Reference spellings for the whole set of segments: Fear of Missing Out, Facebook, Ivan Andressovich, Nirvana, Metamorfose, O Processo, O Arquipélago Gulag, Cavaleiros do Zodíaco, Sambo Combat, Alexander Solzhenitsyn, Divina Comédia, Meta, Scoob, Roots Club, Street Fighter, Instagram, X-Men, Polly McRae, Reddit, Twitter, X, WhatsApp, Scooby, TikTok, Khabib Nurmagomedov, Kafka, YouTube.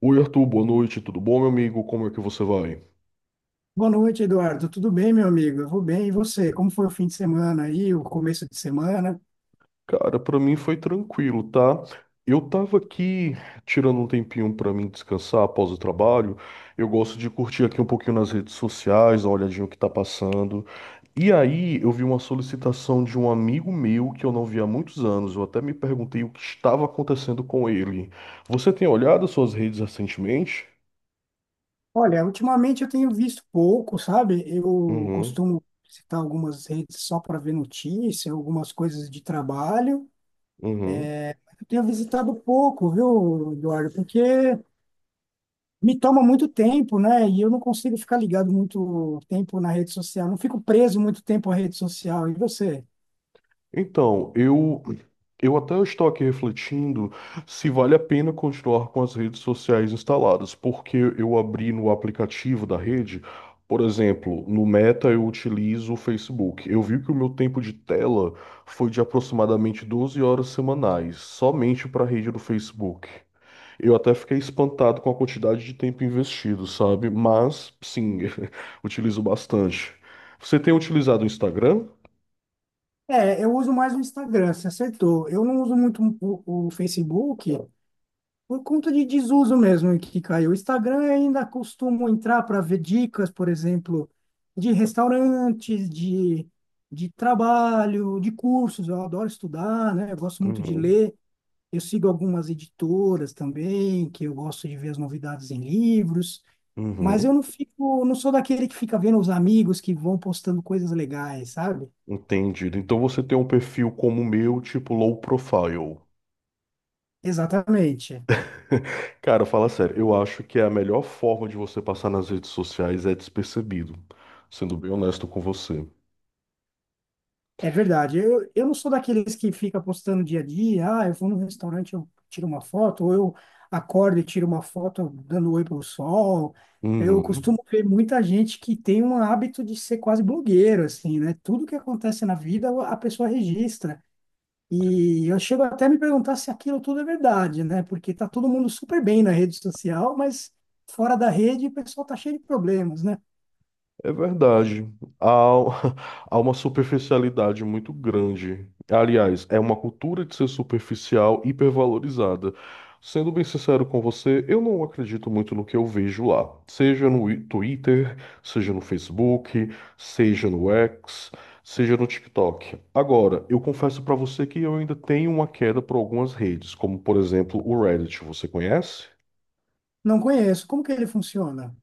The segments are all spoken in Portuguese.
Oi, Arthur, boa noite, tudo bom, meu amigo? Como é que você vai? Boa noite, Eduardo. Tudo bem, meu amigo? Eu vou bem. E você? Como foi o fim de semana aí, o começo de semana? Cara, pra mim foi tranquilo, tá? Eu tava aqui tirando um tempinho pra mim descansar após o trabalho. Eu gosto de curtir aqui um pouquinho nas redes sociais, dar uma olhadinha o que tá passando. E aí, eu vi uma solicitação de um amigo meu que eu não vi há muitos anos. Eu até me perguntei o que estava acontecendo com ele. Você tem olhado as suas redes recentemente? Olha, ultimamente eu tenho visto pouco, sabe? Eu Uhum, costumo visitar algumas redes só para ver notícia, algumas coisas de trabalho. uhum. Eu tenho visitado pouco, viu, Eduardo? Porque me toma muito tempo, né? E eu não consigo ficar ligado muito tempo na rede social. Não fico preso muito tempo à rede social. E você? Então, eu até estou aqui refletindo se vale a pena continuar com as redes sociais instaladas, porque eu abri no aplicativo da rede, por exemplo, no Meta eu utilizo o Facebook. Eu vi que o meu tempo de tela foi de aproximadamente 12 horas semanais, somente para a rede do Facebook. Eu até fiquei espantado com a quantidade de tempo investido, sabe? Mas, sim, utilizo bastante. Você tem utilizado o Instagram? É, eu uso mais o Instagram, você acertou. Eu não uso muito o Facebook, por conta de desuso mesmo que caiu. O Instagram eu ainda costumo entrar para ver dicas, por exemplo, de restaurantes, de trabalho, de cursos. Eu adoro estudar, né? Eu gosto muito de Uhum. ler. Eu sigo algumas editoras também, que eu gosto de ver as novidades em livros, mas eu Uhum. não fico, não sou daquele que fica vendo os amigos que vão postando coisas legais, sabe? Entendido. Então você tem um perfil como o meu, tipo low profile. Exatamente. Cara, fala sério, eu acho que é a melhor forma de você passar nas redes sociais é despercebido, sendo bem honesto com você. É verdade. Eu não sou daqueles que fica postando dia a dia. Ah, eu vou num restaurante, eu tiro uma foto, ou eu acordo e tiro uma foto dando oi pro sol. Eu Uhum. costumo ver muita gente que tem um hábito de ser quase blogueiro, assim, né? Tudo que acontece na vida, a pessoa registra. E eu chego até a me perguntar se aquilo tudo é verdade, né? Porque tá todo mundo super bem na rede social, mas fora da rede o pessoal tá cheio de problemas, né? É verdade. Há, há uma superficialidade muito grande. Aliás, é uma cultura de ser superficial hipervalorizada. Sendo bem sincero com você, eu não acredito muito no que eu vejo lá. Seja no Twitter, seja no Facebook, seja no X, seja no TikTok. Agora, eu confesso pra você que eu ainda tenho uma queda por algumas redes, como por exemplo o Reddit. Você conhece? Não conheço. Como que ele funciona?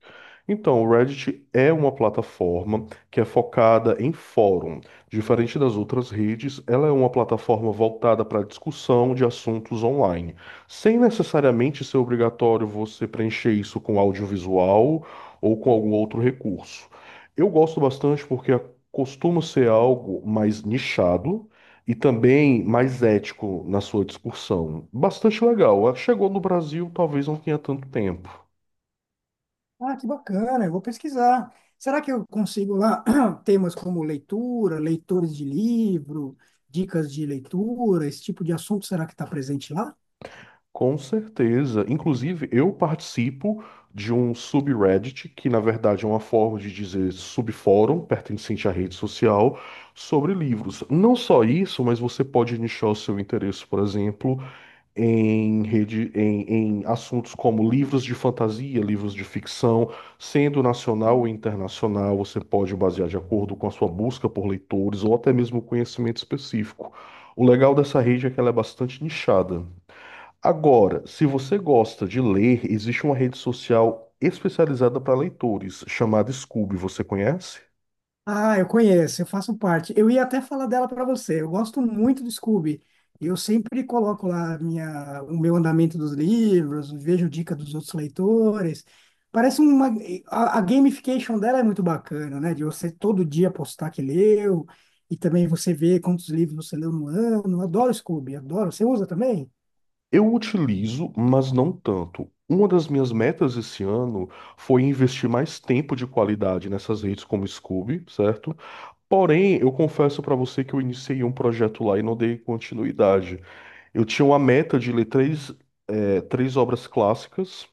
Então, o Reddit é uma plataforma que é focada em fórum. Diferente das outras redes, ela é uma plataforma voltada para discussão de assuntos online, sem necessariamente ser obrigatório você preencher isso com audiovisual ou com algum outro recurso. Eu gosto bastante porque é, costuma ser algo mais nichado e também mais ético na sua discussão. Bastante legal. Chegou no Brasil, talvez não tenha tanto tempo. Ah, que bacana, eu vou pesquisar. Será que eu consigo lá temas como leitura, leitores de livro, dicas de leitura, esse tipo de assunto, será que está presente lá? Com certeza. Inclusive, eu participo de um subreddit, que na verdade é uma forma de dizer subfórum, pertencente à rede social, sobre livros. Não só isso, mas você pode nichar o seu interesse, por exemplo, em rede, em assuntos como livros de fantasia, livros de ficção, sendo nacional ou internacional, você pode basear de acordo com a sua busca por leitores ou até mesmo conhecimento específico. O legal dessa rede é que ela é bastante nichada. Agora, se você gosta de ler, existe uma rede social especializada para leitores, chamada Scoob, você conhece? Ah, eu conheço, eu faço parte. Eu ia até falar dela para você. Eu gosto muito do Scooby. Eu sempre coloco lá a minha, o meu andamento dos livros, vejo dica dos outros leitores. Parece uma. A gamification dela é muito bacana, né? De você todo dia postar que leu, e também você ver quantos livros você leu no ano. Eu adoro Scooby, adoro. Você usa também? Eu utilizo, mas não tanto. Uma das minhas metas esse ano foi investir mais tempo de qualidade nessas redes como Scoob, certo? Porém, eu confesso para você que eu iniciei um projeto lá e não dei continuidade. Eu tinha uma meta de ler três obras clássicas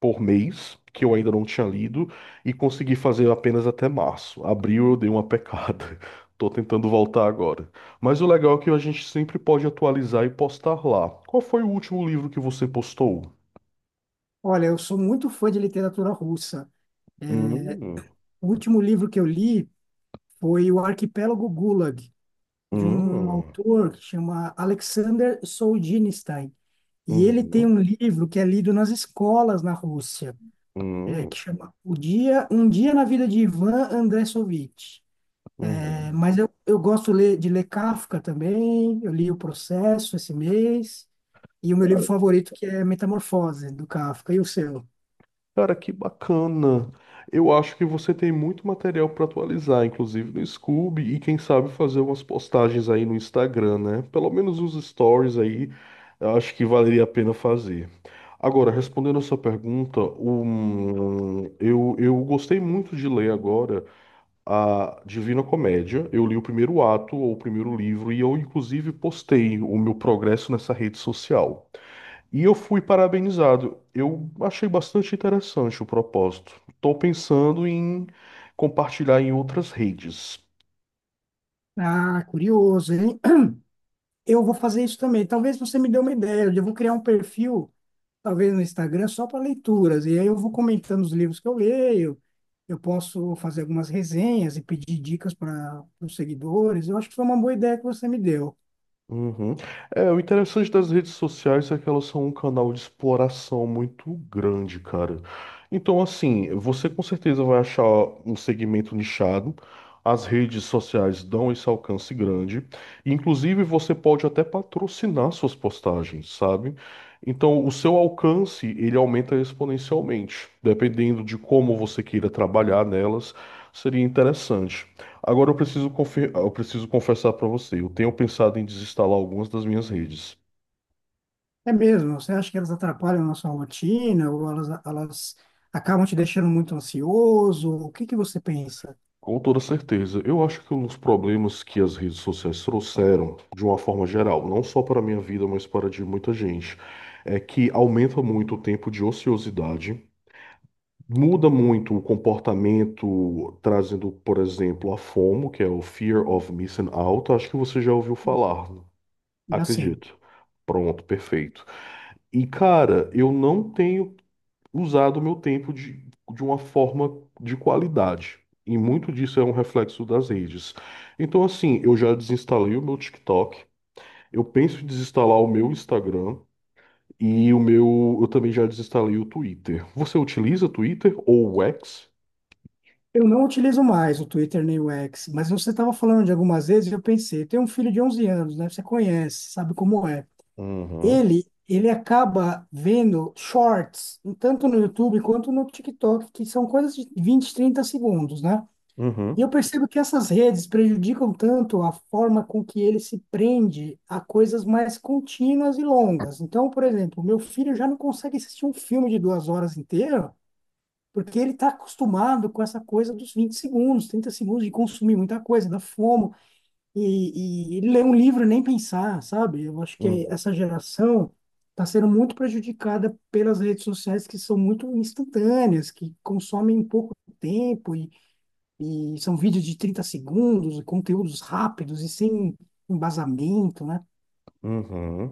por mês, que eu ainda não tinha lido, e consegui fazer apenas até março. Abril eu dei uma pecada. Tô tentando voltar agora. Mas o legal é que a gente sempre pode atualizar e postar lá. Qual foi o último livro que você postou? Olha, eu sou muito fã de literatura russa. Hum. O último livro que eu li foi O Arquipélago Gulag, de um Hum. autor que chama Alexander Solzhenitsyn. Hum. E ele tem Hum. um livro que é lido nas escolas na Rússia, é, Hum. que chama O Dia, Um Dia na Vida de Ivan Andressovich. É, Hum. mas eu gosto de ler Kafka também. Eu li O Processo esse mês, e o meu livro favorito, que é Metamorfose, do Kafka. E o seu? Cara, que bacana. Eu acho que você tem muito material para atualizar, inclusive no Scoob, e quem sabe fazer umas postagens aí no Instagram, né? Pelo menos os stories aí, eu acho que valeria a pena fazer. Agora, respondendo a sua pergunta, eu gostei muito de ler agora a Divina Comédia. Eu li o primeiro ato, ou o primeiro livro, e eu, inclusive, postei o meu progresso nessa rede social. E eu fui parabenizado. Eu achei bastante interessante o propósito. Estou pensando em compartilhar em outras redes. Ah, curioso, hein? Eu vou fazer isso também. Talvez você me dê uma ideia, eu vou criar um perfil talvez no Instagram, só para leituras. E aí eu vou comentando os livros que eu leio, eu posso fazer algumas resenhas e pedir dicas para os seguidores. Eu acho que foi uma boa ideia que você me deu. Uhum. É, o interessante das redes sociais é que elas são um canal de exploração muito grande, cara. Então, assim, você com certeza vai achar um segmento nichado. As redes sociais dão esse alcance grande. Inclusive, você pode até patrocinar suas postagens, sabe? Então, o seu alcance, ele aumenta exponencialmente, dependendo de como você queira trabalhar nelas. Seria interessante. Agora eu preciso confessar para você, eu tenho pensado em desinstalar algumas das minhas redes. É mesmo, você acha que elas atrapalham a nossa rotina ou elas acabam te deixando muito ansioso? O que que você pensa? Com toda certeza, eu acho que um dos problemas que as redes sociais trouxeram, de uma forma geral, não só para a minha vida, mas para a de muita gente, é que aumenta muito o tempo de ociosidade, muda muito o comportamento, trazendo, por exemplo, a FOMO, que é o Fear of Missing Out. Acho que você já ouviu falar, Já sim. acredito. Pronto, perfeito. E cara, eu não tenho usado o meu tempo de uma forma de qualidade. E muito disso é um reflexo das redes. Então, assim, eu já desinstalei o meu TikTok, eu penso em desinstalar o meu Instagram e o meu, eu também já desinstalei o Twitter. Você utiliza Twitter ou o X? Eu não utilizo mais o Twitter nem o X, mas você estava falando de algumas vezes e eu pensei, tem um filho de 11 anos, né? Você conhece, sabe como é. Uhum, Ele acaba vendo shorts, tanto no YouTube quanto no TikTok, que são coisas de 20, 30 segundos, né? E uhum, eu percebo que essas redes prejudicam tanto a forma com que ele se prende a coisas mais contínuas e longas. Então, por exemplo, meu filho já não consegue assistir um filme de 2 horas inteiras porque ele está acostumado com essa coisa dos 20 segundos, 30 segundos de consumir muita coisa, da fome, e, ele lê um livro e nem pensar, sabe? Eu acho que uhum, essa geração está sendo muito prejudicada pelas redes sociais que são muito instantâneas, que consomem em pouco tempo, e, são vídeos de 30 segundos, conteúdos rápidos e sem embasamento, né? uhum.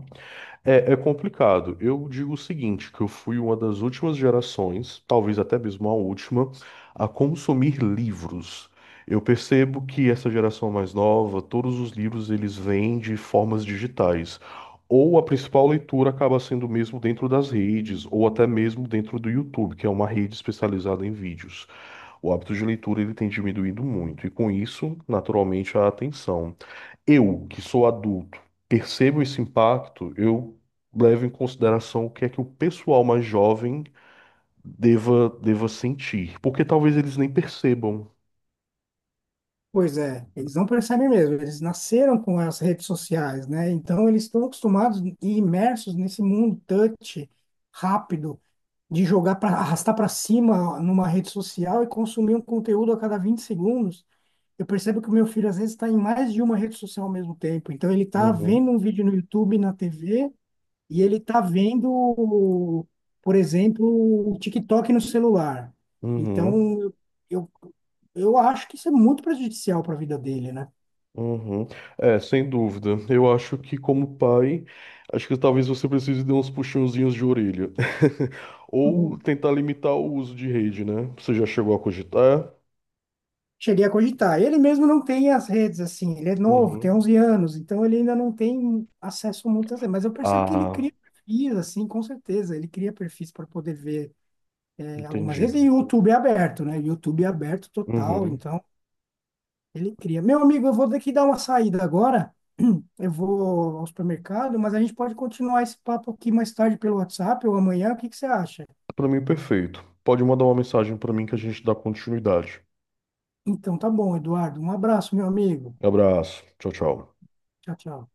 É, é complicado. Eu digo o seguinte, que eu fui uma das últimas gerações, talvez até mesmo a última, a consumir livros. Eu percebo que essa geração mais nova, todos os livros eles vêm de formas digitais. Ou a principal leitura acaba sendo mesmo dentro das redes, ou até mesmo dentro do YouTube, que é uma rede especializada em vídeos. O hábito de leitura ele tem diminuído muito, e com isso, naturalmente, a atenção eu, que sou adulto, percebo esse impacto, eu levo em consideração o que é que o pessoal mais jovem deva sentir, porque talvez eles nem percebam. Pois é, eles não percebem mesmo, eles nasceram com as redes sociais, né? Então eles estão acostumados e imersos nesse mundo touch rápido de jogar para arrastar para cima numa rede social e consumir um conteúdo a cada 20 segundos. Eu percebo que o meu filho às vezes está em mais de uma rede social ao mesmo tempo. Então ele está Uhum, vendo um vídeo no YouTube, na TV, e ele está vendo, por exemplo, o TikTok no celular. uhum, Então, eu, eu acho que isso é muito prejudicial para a vida dele, né? uhum. É, sem dúvida. Eu acho que, como pai, acho que talvez você precise de uns puxãozinhos de orelha. Ou Hum. tentar limitar o uso de rede, né? Você já chegou a cogitar? Cheguei a cogitar. Ele mesmo não tem as redes, assim, ele é novo, tem Uhum. 11 anos, então ele ainda não tem acesso a muitas redes. Mas eu percebo que ele Ah, cria perfis, assim, com certeza. Ele cria perfis para poder ver é, algumas redes. E entendido. o YouTube é aberto, né? YouTube é aberto total, Uhum. então ele cria. Meu amigo, eu vou ter que dar uma saída agora. Eu vou ao supermercado, mas a gente pode continuar esse papo aqui mais tarde pelo WhatsApp ou amanhã. O que que você acha? Para mim, perfeito. Pode mandar uma mensagem para mim que a gente dá continuidade. Então, tá bom, Eduardo. Um abraço, meu amigo. Abraço. Tchau, tchau. Tchau, tchau.